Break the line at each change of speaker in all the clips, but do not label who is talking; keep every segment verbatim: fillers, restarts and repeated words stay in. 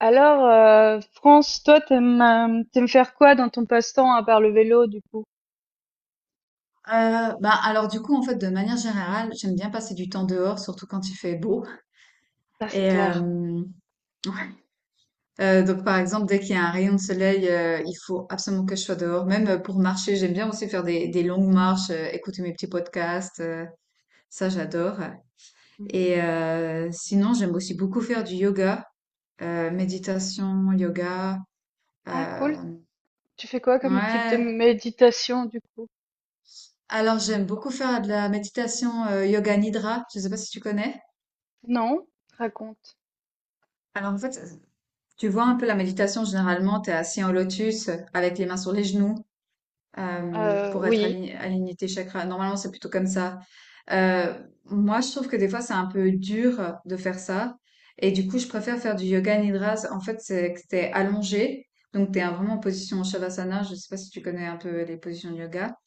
Alors, euh, France, toi, t'aimes, euh, t'aimes faire quoi dans ton passe-temps à part le vélo, du coup?
Euh, bah alors du coup en fait de manière générale j'aime bien passer du temps dehors surtout quand il fait beau
Ah, c'est
et
clair.
euh, ouais. Euh, donc par exemple dès qu'il y a un rayon de soleil euh, il faut absolument que je sois dehors, même euh, pour marcher. J'aime bien aussi faire des, des longues marches, euh, écouter mes petits podcasts, euh, ça j'adore.
Mhm.
Et euh, sinon j'aime aussi beaucoup faire du yoga, euh, méditation yoga,
Ah, cool.
euh,
Tu fais quoi comme type de
ouais.
méditation, du coup?
Alors j'aime beaucoup faire de la méditation euh, yoga nidra, je sais pas si tu connais.
Non? Raconte.
Alors en fait, tu vois un peu la méditation, généralement tu es assis en lotus euh, avec les mains sur les genoux euh,
Euh,
pour être
oui.
aligné, aligné tes chakras. Normalement, c'est plutôt comme ça. Euh, moi, je trouve que des fois, c'est un peu dur de faire ça. Et du coup, je préfère faire du yoga nidra. En fait, c'est que t'es allongé. Donc, t'es vraiment en position Shavasana. Je sais pas si tu connais un peu les positions de yoga.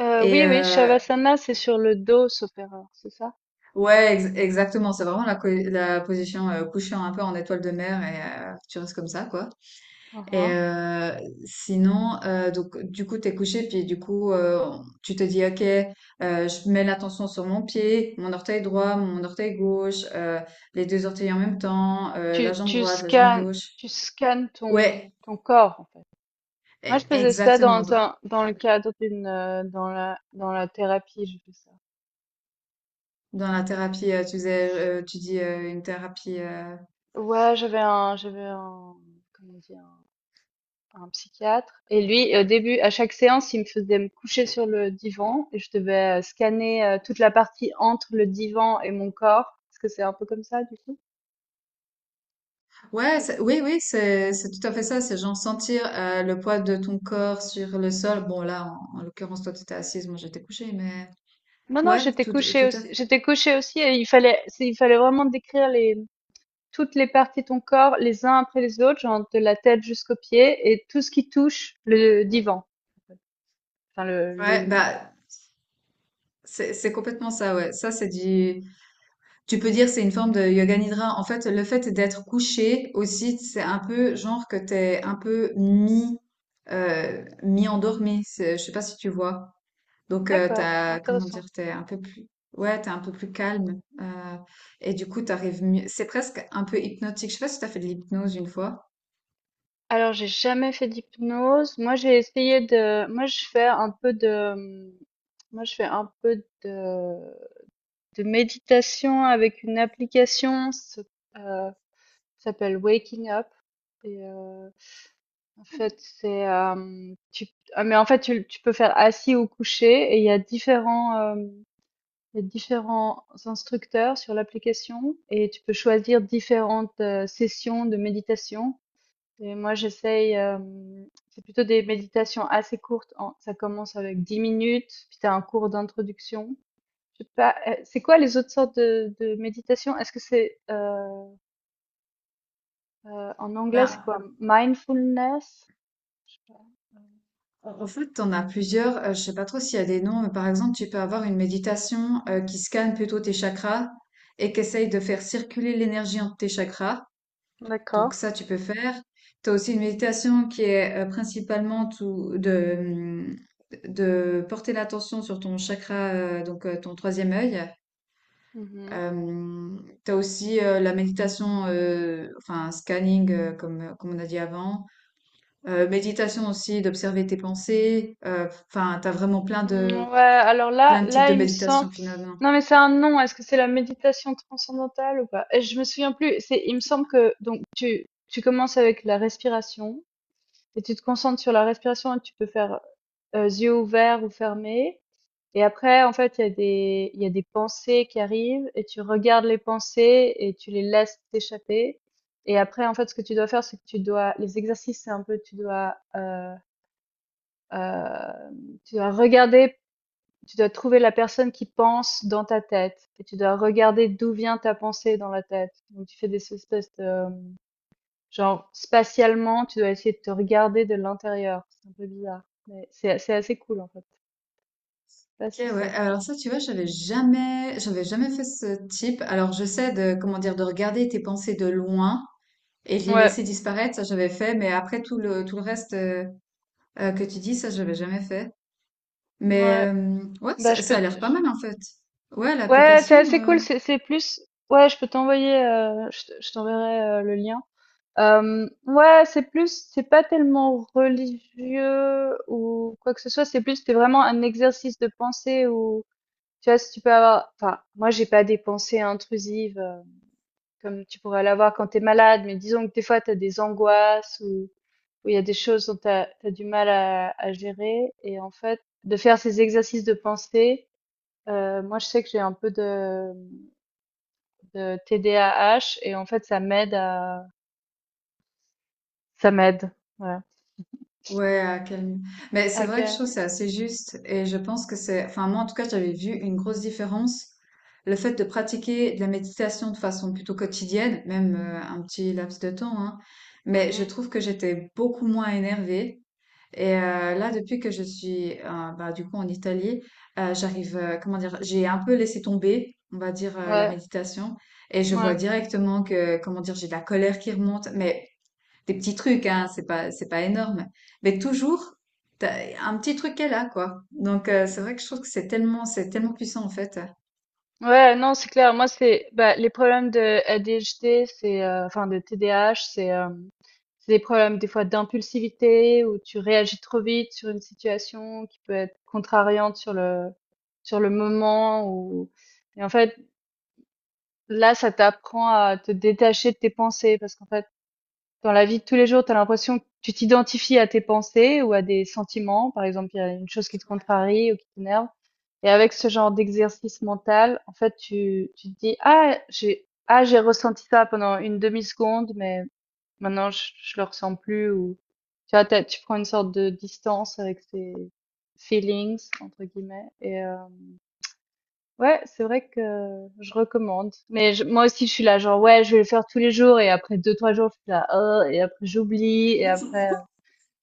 Euh,
Et
oui, oui,
euh,
Shavasana, c'est sur le dos, sauf erreur, c'est ça?
ouais, ex- exactement. C'est vraiment la, co- la position euh, couchée, un peu en étoile de mer, et euh, tu restes comme ça, quoi. Et
Mhm.
euh, sinon, euh, donc du coup, t'es couché, puis du coup, euh, tu te dis, ok, euh, je mets l'attention sur mon pied, mon orteil droit, mon orteil gauche, euh, les deux orteils en même temps, euh,
Tu,
la jambe
tu
droite, la jambe
scannes,
gauche.
tu scannes ton,
Ouais,
ton corps, en fait. Moi, je
e-
faisais ça
exactement.
dans
Dans
un, dans le cadre d'une, euh, dans la, dans la thérapie, je fais ça.
dans la thérapie, euh, tu disais, euh, tu dis euh, une thérapie. euh,
Ouais, j'avais un, j'avais un, comment dire, un psychiatre. Et lui, au début, à chaque séance, il me faisait me coucher sur le divan et je devais euh, scanner euh, toute la partie entre le divan et mon corps. Est-ce que c'est un peu comme ça, du coup?
Ouais, c'est- oui, oui, c'est c'est tout à fait ça. C'est genre sentir euh, le poids de ton corps sur le sol. Bon, là, en, en l'occurrence, toi, tu étais assise, moi, j'étais couchée, mais
Non, non,
ouais,
j'étais
tout,
couchée
tout à
aussi.
fait.
J'étais couchée aussi et il fallait, c'est- il fallait vraiment décrire les, toutes les parties de ton corps, les uns après les autres, genre de la tête jusqu'aux pieds et tout ce qui touche le divan. Enfin, le,
Ouais,
le...
bah, C'est, c'est
ouais.
complètement ça, ouais. Ça, c'est du, tu peux dire, c'est une forme de yoga nidra. En fait, le fait d'être couché aussi, c'est un peu genre que t'es un peu mi, euh, mi-endormi. C'est- Je sais pas si tu vois. Donc, euh,
D'accord,
t'as, comment dire,
intéressant.
t'es un peu plus, ouais, t'es un peu plus calme. Euh, et du coup, t'arrives mieux. C'est presque un peu hypnotique. Je sais pas si t'as fait de l'hypnose une fois.
Alors, j'ai jamais fait d'hypnose. Moi, j'ai essayé de, moi, je fais un peu de, moi, je fais un peu de, de méditation avec une application, ça euh, s'appelle Waking Up. Et, euh, en fait, c'est, euh, tu, ah, Mais en fait, tu, tu peux faire assis ou couché et il y a différents, euh, il y a différents instructeurs sur l'application et tu peux choisir différentes euh, sessions de méditation. Et moi, j'essaye, hem, c'est plutôt des méditations assez courtes en ça commence avec dix minutes, puis tu as un cours d'introduction. Je sais pas, heu, c'est quoi les autres sortes de de méditation? Est-ce que c'est, heu heu, en anglais, c'est
Ben,
quoi? Mindfulness?
En en fait, t'en as plusieurs. Euh, je sais pas trop s'il y a des noms, mais par exemple, tu peux avoir une méditation euh, qui scanne plutôt tes chakras et qui essaye de faire circuler l'énergie entre tes chakras.
D'accord.
Donc ça, tu peux faire. Tu as aussi une méditation qui est euh, principalement tout, de, mm, de porter l'attention sur ton chakra, euh, donc euh, ton troisième œil.
Mmh, mh.
Euh, tu as aussi euh, la méditation, euh, enfin scanning, euh, comme, comme on a dit avant. Euh, méditation aussi, d'observer tes pensées. Euh, Enfin, t'as vraiment plein de
Mmh, ouais, alors là
plein de types
là,
de
il me semble
méditation finalement.
non, mais c'est un nom. Est-ce que c'est la méditation transcendantale ou pas? Et je me souviens plus. C'est, il me semble que donc tu tu commences avec la respiration. Et tu te concentres sur la respiration et tu peux faire, heu, yeux ouverts ou fermés, et après en fait il y a des il y a des pensées qui arrivent et tu regardes les pensées et tu les laisses t'échapper. Et après en fait ce que tu dois faire, c'est que tu dois les exercices, c'est un peu tu dois, heu heu, tu dois regarder, tu dois trouver la personne qui pense dans ta tête et tu dois regarder d'où vient ta pensée dans la tête. Donc tu fais des espèces de... Genre, spatialement, tu dois essayer de te regarder de l'intérieur. C'est un peu bizarre. Mais c'est c'est assez cool, en fait. Je sais pas
Ok,
si
ouais.
ça te...
Alors ça, tu vois, j'avais jamais, j'avais jamais fait ce type. Alors je sais de comment dire, de regarder tes pensées de loin et de les
Ouais,
laisser disparaître. Ça, j'avais fait, mais après tout le tout le reste euh, euh, que tu dis, ça, j'avais jamais fait.
ouais.
Mais euh, ouais,
Bah,
ça,
je
ça a
peux...
l'air
je-
pas mal en fait. Ouais,
Ouais, c'est
l'application.
assez
euh,
cool. C'est c'est plus... Ouais, je peux t'envoyer... euh, je te- je t'enverrai euh, le lien. Euh, ouais, c'est plus... C'est pas tellement religieux ou quoi que ce soit. C'est plus... C'est vraiment un exercice de pensée où... Tu vois, si tu peux avoir... Enfin, moi, j'ai pas des pensées intrusives, euh, comme tu pourrais l'avoir quand tu es malade, mais disons que des fois tu as des angoisses ou où il y a des choses dont tu as, du mal à, à gérer. Et en fait, de faire ces exercices de pensée, euh, moi je sais que j'ai un peu de, de T D A H et en fait ça m'aide à... Ça m'aide. Ouais.
Ouais, à calmer. Mais c'est
Ok.
vrai que je trouve que c'est assez juste et je pense que c'est, enfin moi en tout cas j'avais vu une grosse différence. Le fait de pratiquer de la méditation de façon plutôt quotidienne, même euh, un petit laps de temps, hein, mais je
Mhm.
trouve que j'étais beaucoup moins énervée. Et euh, là, depuis que je suis euh, bah, du coup en Italie, euh, j'arrive, euh, comment dire, j'ai un peu laissé tomber, on va dire, euh, la
Ouais.
méditation. Et je vois
Ouais.
directement que, comment dire, j'ai de la colère qui remonte, mais des petits trucs, hein, c'est pas, c'est pas énorme. Mais toujours, t'as un petit truc qu'elle a, quoi. Donc, euh, c'est vrai que je trouve que c'est tellement, c'est tellement puissant, en fait.
Ouais, non, c'est clair. Moi, c'est bah, les problèmes de A D H D, c'est euh, enfin de T D A H, c'est euh, c'est des problèmes des fois d'impulsivité où tu réagis trop vite sur une situation qui peut être contrariante sur le sur le moment ou, et en fait là, ça t'apprend à te détacher de tes pensées parce qu'en fait dans la vie de tous les jours, tu as l'impression que tu t'identifies à tes pensées ou à des sentiments. Par exemple, il y a une chose qui te contrarie ou qui t'énerve. Et avec ce genre d'exercice mental, en fait, tu, tu te dis, ah, j'ai, ah, j'ai ressenti ça pendant une demi-seconde, mais maintenant, je, je le ressens plus, ou tu vois, t'as- tu prends une sorte de distance avec ces feelings, entre guillemets, et, euh, ouais, c'est vrai que je recommande. Mais je- moi aussi, je suis là, genre, ouais, je vais le faire tous les jours. Et après deux, trois jours, je suis là, oh, et après j'oublie. Et après,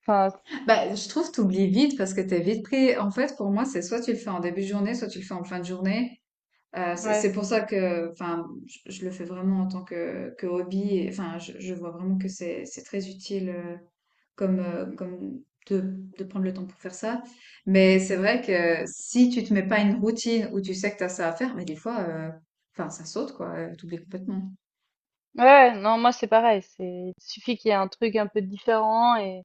enfin,
Bah, je trouve que tu oublies vite parce que t'es vite pris. En fait, pour moi, c'est soit tu le fais en début de journée, soit tu le fais en fin de journée. Euh, c'est
ouais.
c'est pour ça que, enfin, je, je le fais vraiment en tant que, que hobby. Et, enfin, je, je vois vraiment que c'est c'est très utile euh, comme, euh, comme de, de prendre le temps pour faire ça. Mais c'est vrai que si tu te mets pas une routine où tu sais que tu as ça à faire, mais des fois, euh, enfin, ça saute, quoi. euh, T'oublies complètement.
Ouais, non, moi c'est pareil. C'est, il suffit qu'il y ait un truc un peu différent. Et,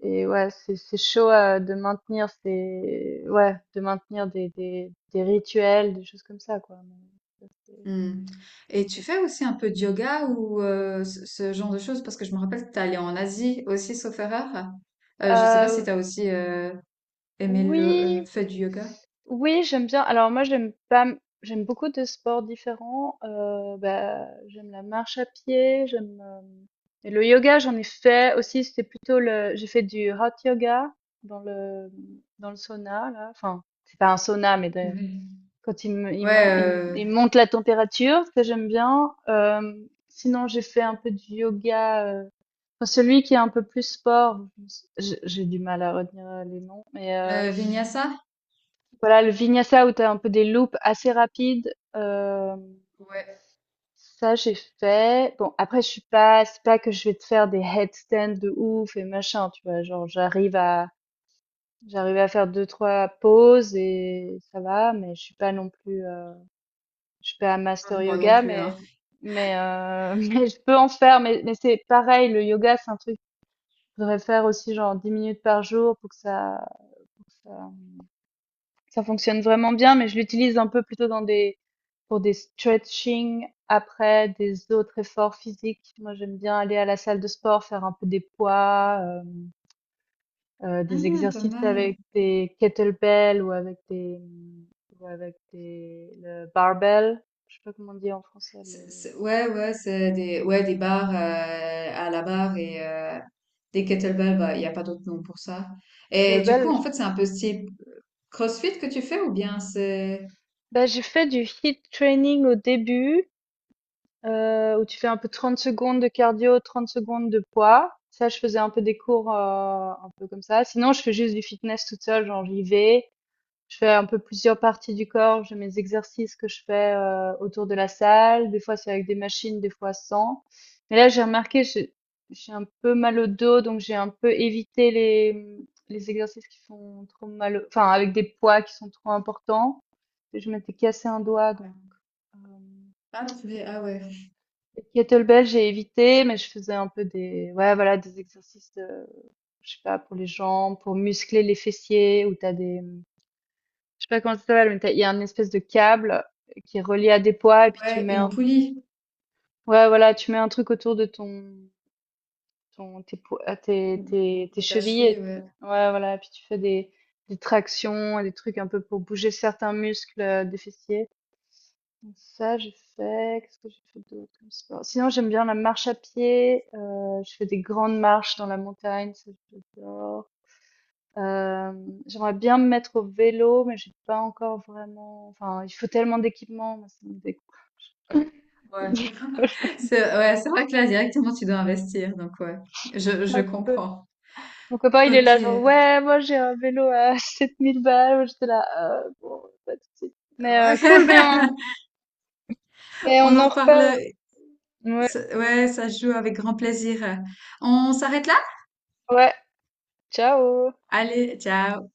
Et ouais, c'est, c'est chaud euh, de maintenir ces, ouais, de maintenir des, des, des rituels, des choses comme ça, quoi. Mais ça, c'est-
Hmm. Et tu fais aussi un peu de yoga ou euh, ce, ce genre de choses? Parce que je me rappelle que tu allé en Asie aussi, sauf erreur. Euh, je sais pas si
Euh,
tu as aussi euh, aimé le euh,
oui.
fait du yoga.
Oui, j'aime bien. Alors moi, j'aime pas, m- j'aime beaucoup de sports différents. Euh, bah, j'aime la marche à pied, j'aime euh, et le yoga, j'en ai fait aussi. C'était plutôt le, j'ai fait du hot yoga dans le dans le sauna là. Enfin, c'est pas un sauna, mais des- quand il me, il,
Ouais,
mon- il-
euh,
il monte la température, ça j'aime bien. Euh, sinon, j'ai fait un peu du yoga, euh, enfin, celui qui est un peu plus sport. Je- j'ai du mal à retenir euh, les noms, mais
euh, Vinyasa?
voilà, le vinyasa où tu as un peu des loops assez rapides, euh,
Ouais,
ça j'ai fait. Bon, après je suis pas, c'est pas que je vais te faire des headstands de ouf et machin, tu vois, genre j'arrive à j'arrive à faire deux trois pauses et ça va, mais je suis pas non plus euh, je suis pas un
ah,
master
moi non
yoga,
plus, hein.
mais mais euh, mais je peux en faire, mais mais c'est pareil, le yoga c'est un truc que je devrais faire aussi genre dix minutes par jour pour que ça, pour que ça ça fonctionne vraiment bien, mais je l'utilise un peu plutôt dans des, pour des stretching après des autres efforts physiques. Moi, j'aime bien aller à la salle de sport, faire un peu des poids, euh, euh, des
Ah, pas
exercices
mal.
avec des kettlebells ou avec des, ou avec des, le barbell. Je sais pas comment on dit en français,
C'est-
le
c'est- ouais, ouais, c'est des, ouais, des barres euh, à la barre et euh, des kettlebells, bah, il n'y a pas d'autre nom pour ça. Et du
kettlebell.
coup, en
je-
fait, c'est un peu style euh, CrossFit que tu fais ou bien c'est...
Bah, j'ai fait du hit training au début, heu, où tu fais un peu trente secondes de cardio, trente secondes de poids. Ça, je faisais un peu des cours, heu, un peu comme ça. Sinon, je fais juste du fitness toute seule, genre j'y vais, je fais un peu plusieurs parties du corps, j'ai mes exercices que je fais, heu, autour de la salle. Des fois, c'est avec des machines, des fois sans. Mais là, j'ai remarqué, j'ai j'ai un peu mal au dos, donc j'ai un peu évité les, mmh, les exercices qui font trop mal au, enfin avec des poids qui sont trop importants. Je m'étais cassé un doigt
Ouais.
donc, hem
Ah, tu fais- ah ouais.
les kettlebells, j'ai évité, mais je faisais un peu des, ouais, voilà, des exercices, euh, je sais pas, pour les jambes, pour muscler les fessiers, où t'as des, je sais pas comment ça s'appelle, mais t'as- il y a une espèce de câble qui est relié à des poids, et puis tu
Ouais,
mets
une
un,
poulie
ouais, voilà, tu mets un truc autour de ton, ton, tes, po- à tes, tes, tes
de ta
chevilles, et
cheville,
tu-
ouais.
ouais, voilà, puis tu fais des, des tractions, et des trucs un peu pour bouger certains muscles euh, des fessiers. Donc ça, j'ai fait. Qu'est-ce que j'ai fait d'autre comme sport? Sinon, j'aime bien la marche à pied. Euh, je fais des grandes marches dans la montagne, ça j'adore. Euh, J'aimerais bien me mettre au vélo, mais j'ai pas encore vraiment. Enfin, il faut tellement d'équipement, moi, ça me décou- ça
Ouais. C'est, ouais, c'est vrai que là, directement, tu dois investir, donc ouais, je, je
un peu.
comprends.
Mon copain, il est là, genre,
Ok.
ouais, moi j'ai un vélo à sept mille balles. Moi, j'étais là, euh, bon, pas de suite. Mais euh, cool, mais
Ouais.
on, mais
On
on
en
en
reparle.
reparle. Ouais,
Ça- Ouais, ça se joue avec grand plaisir. On s'arrête là?
ouais, ciao.
Allez, ciao.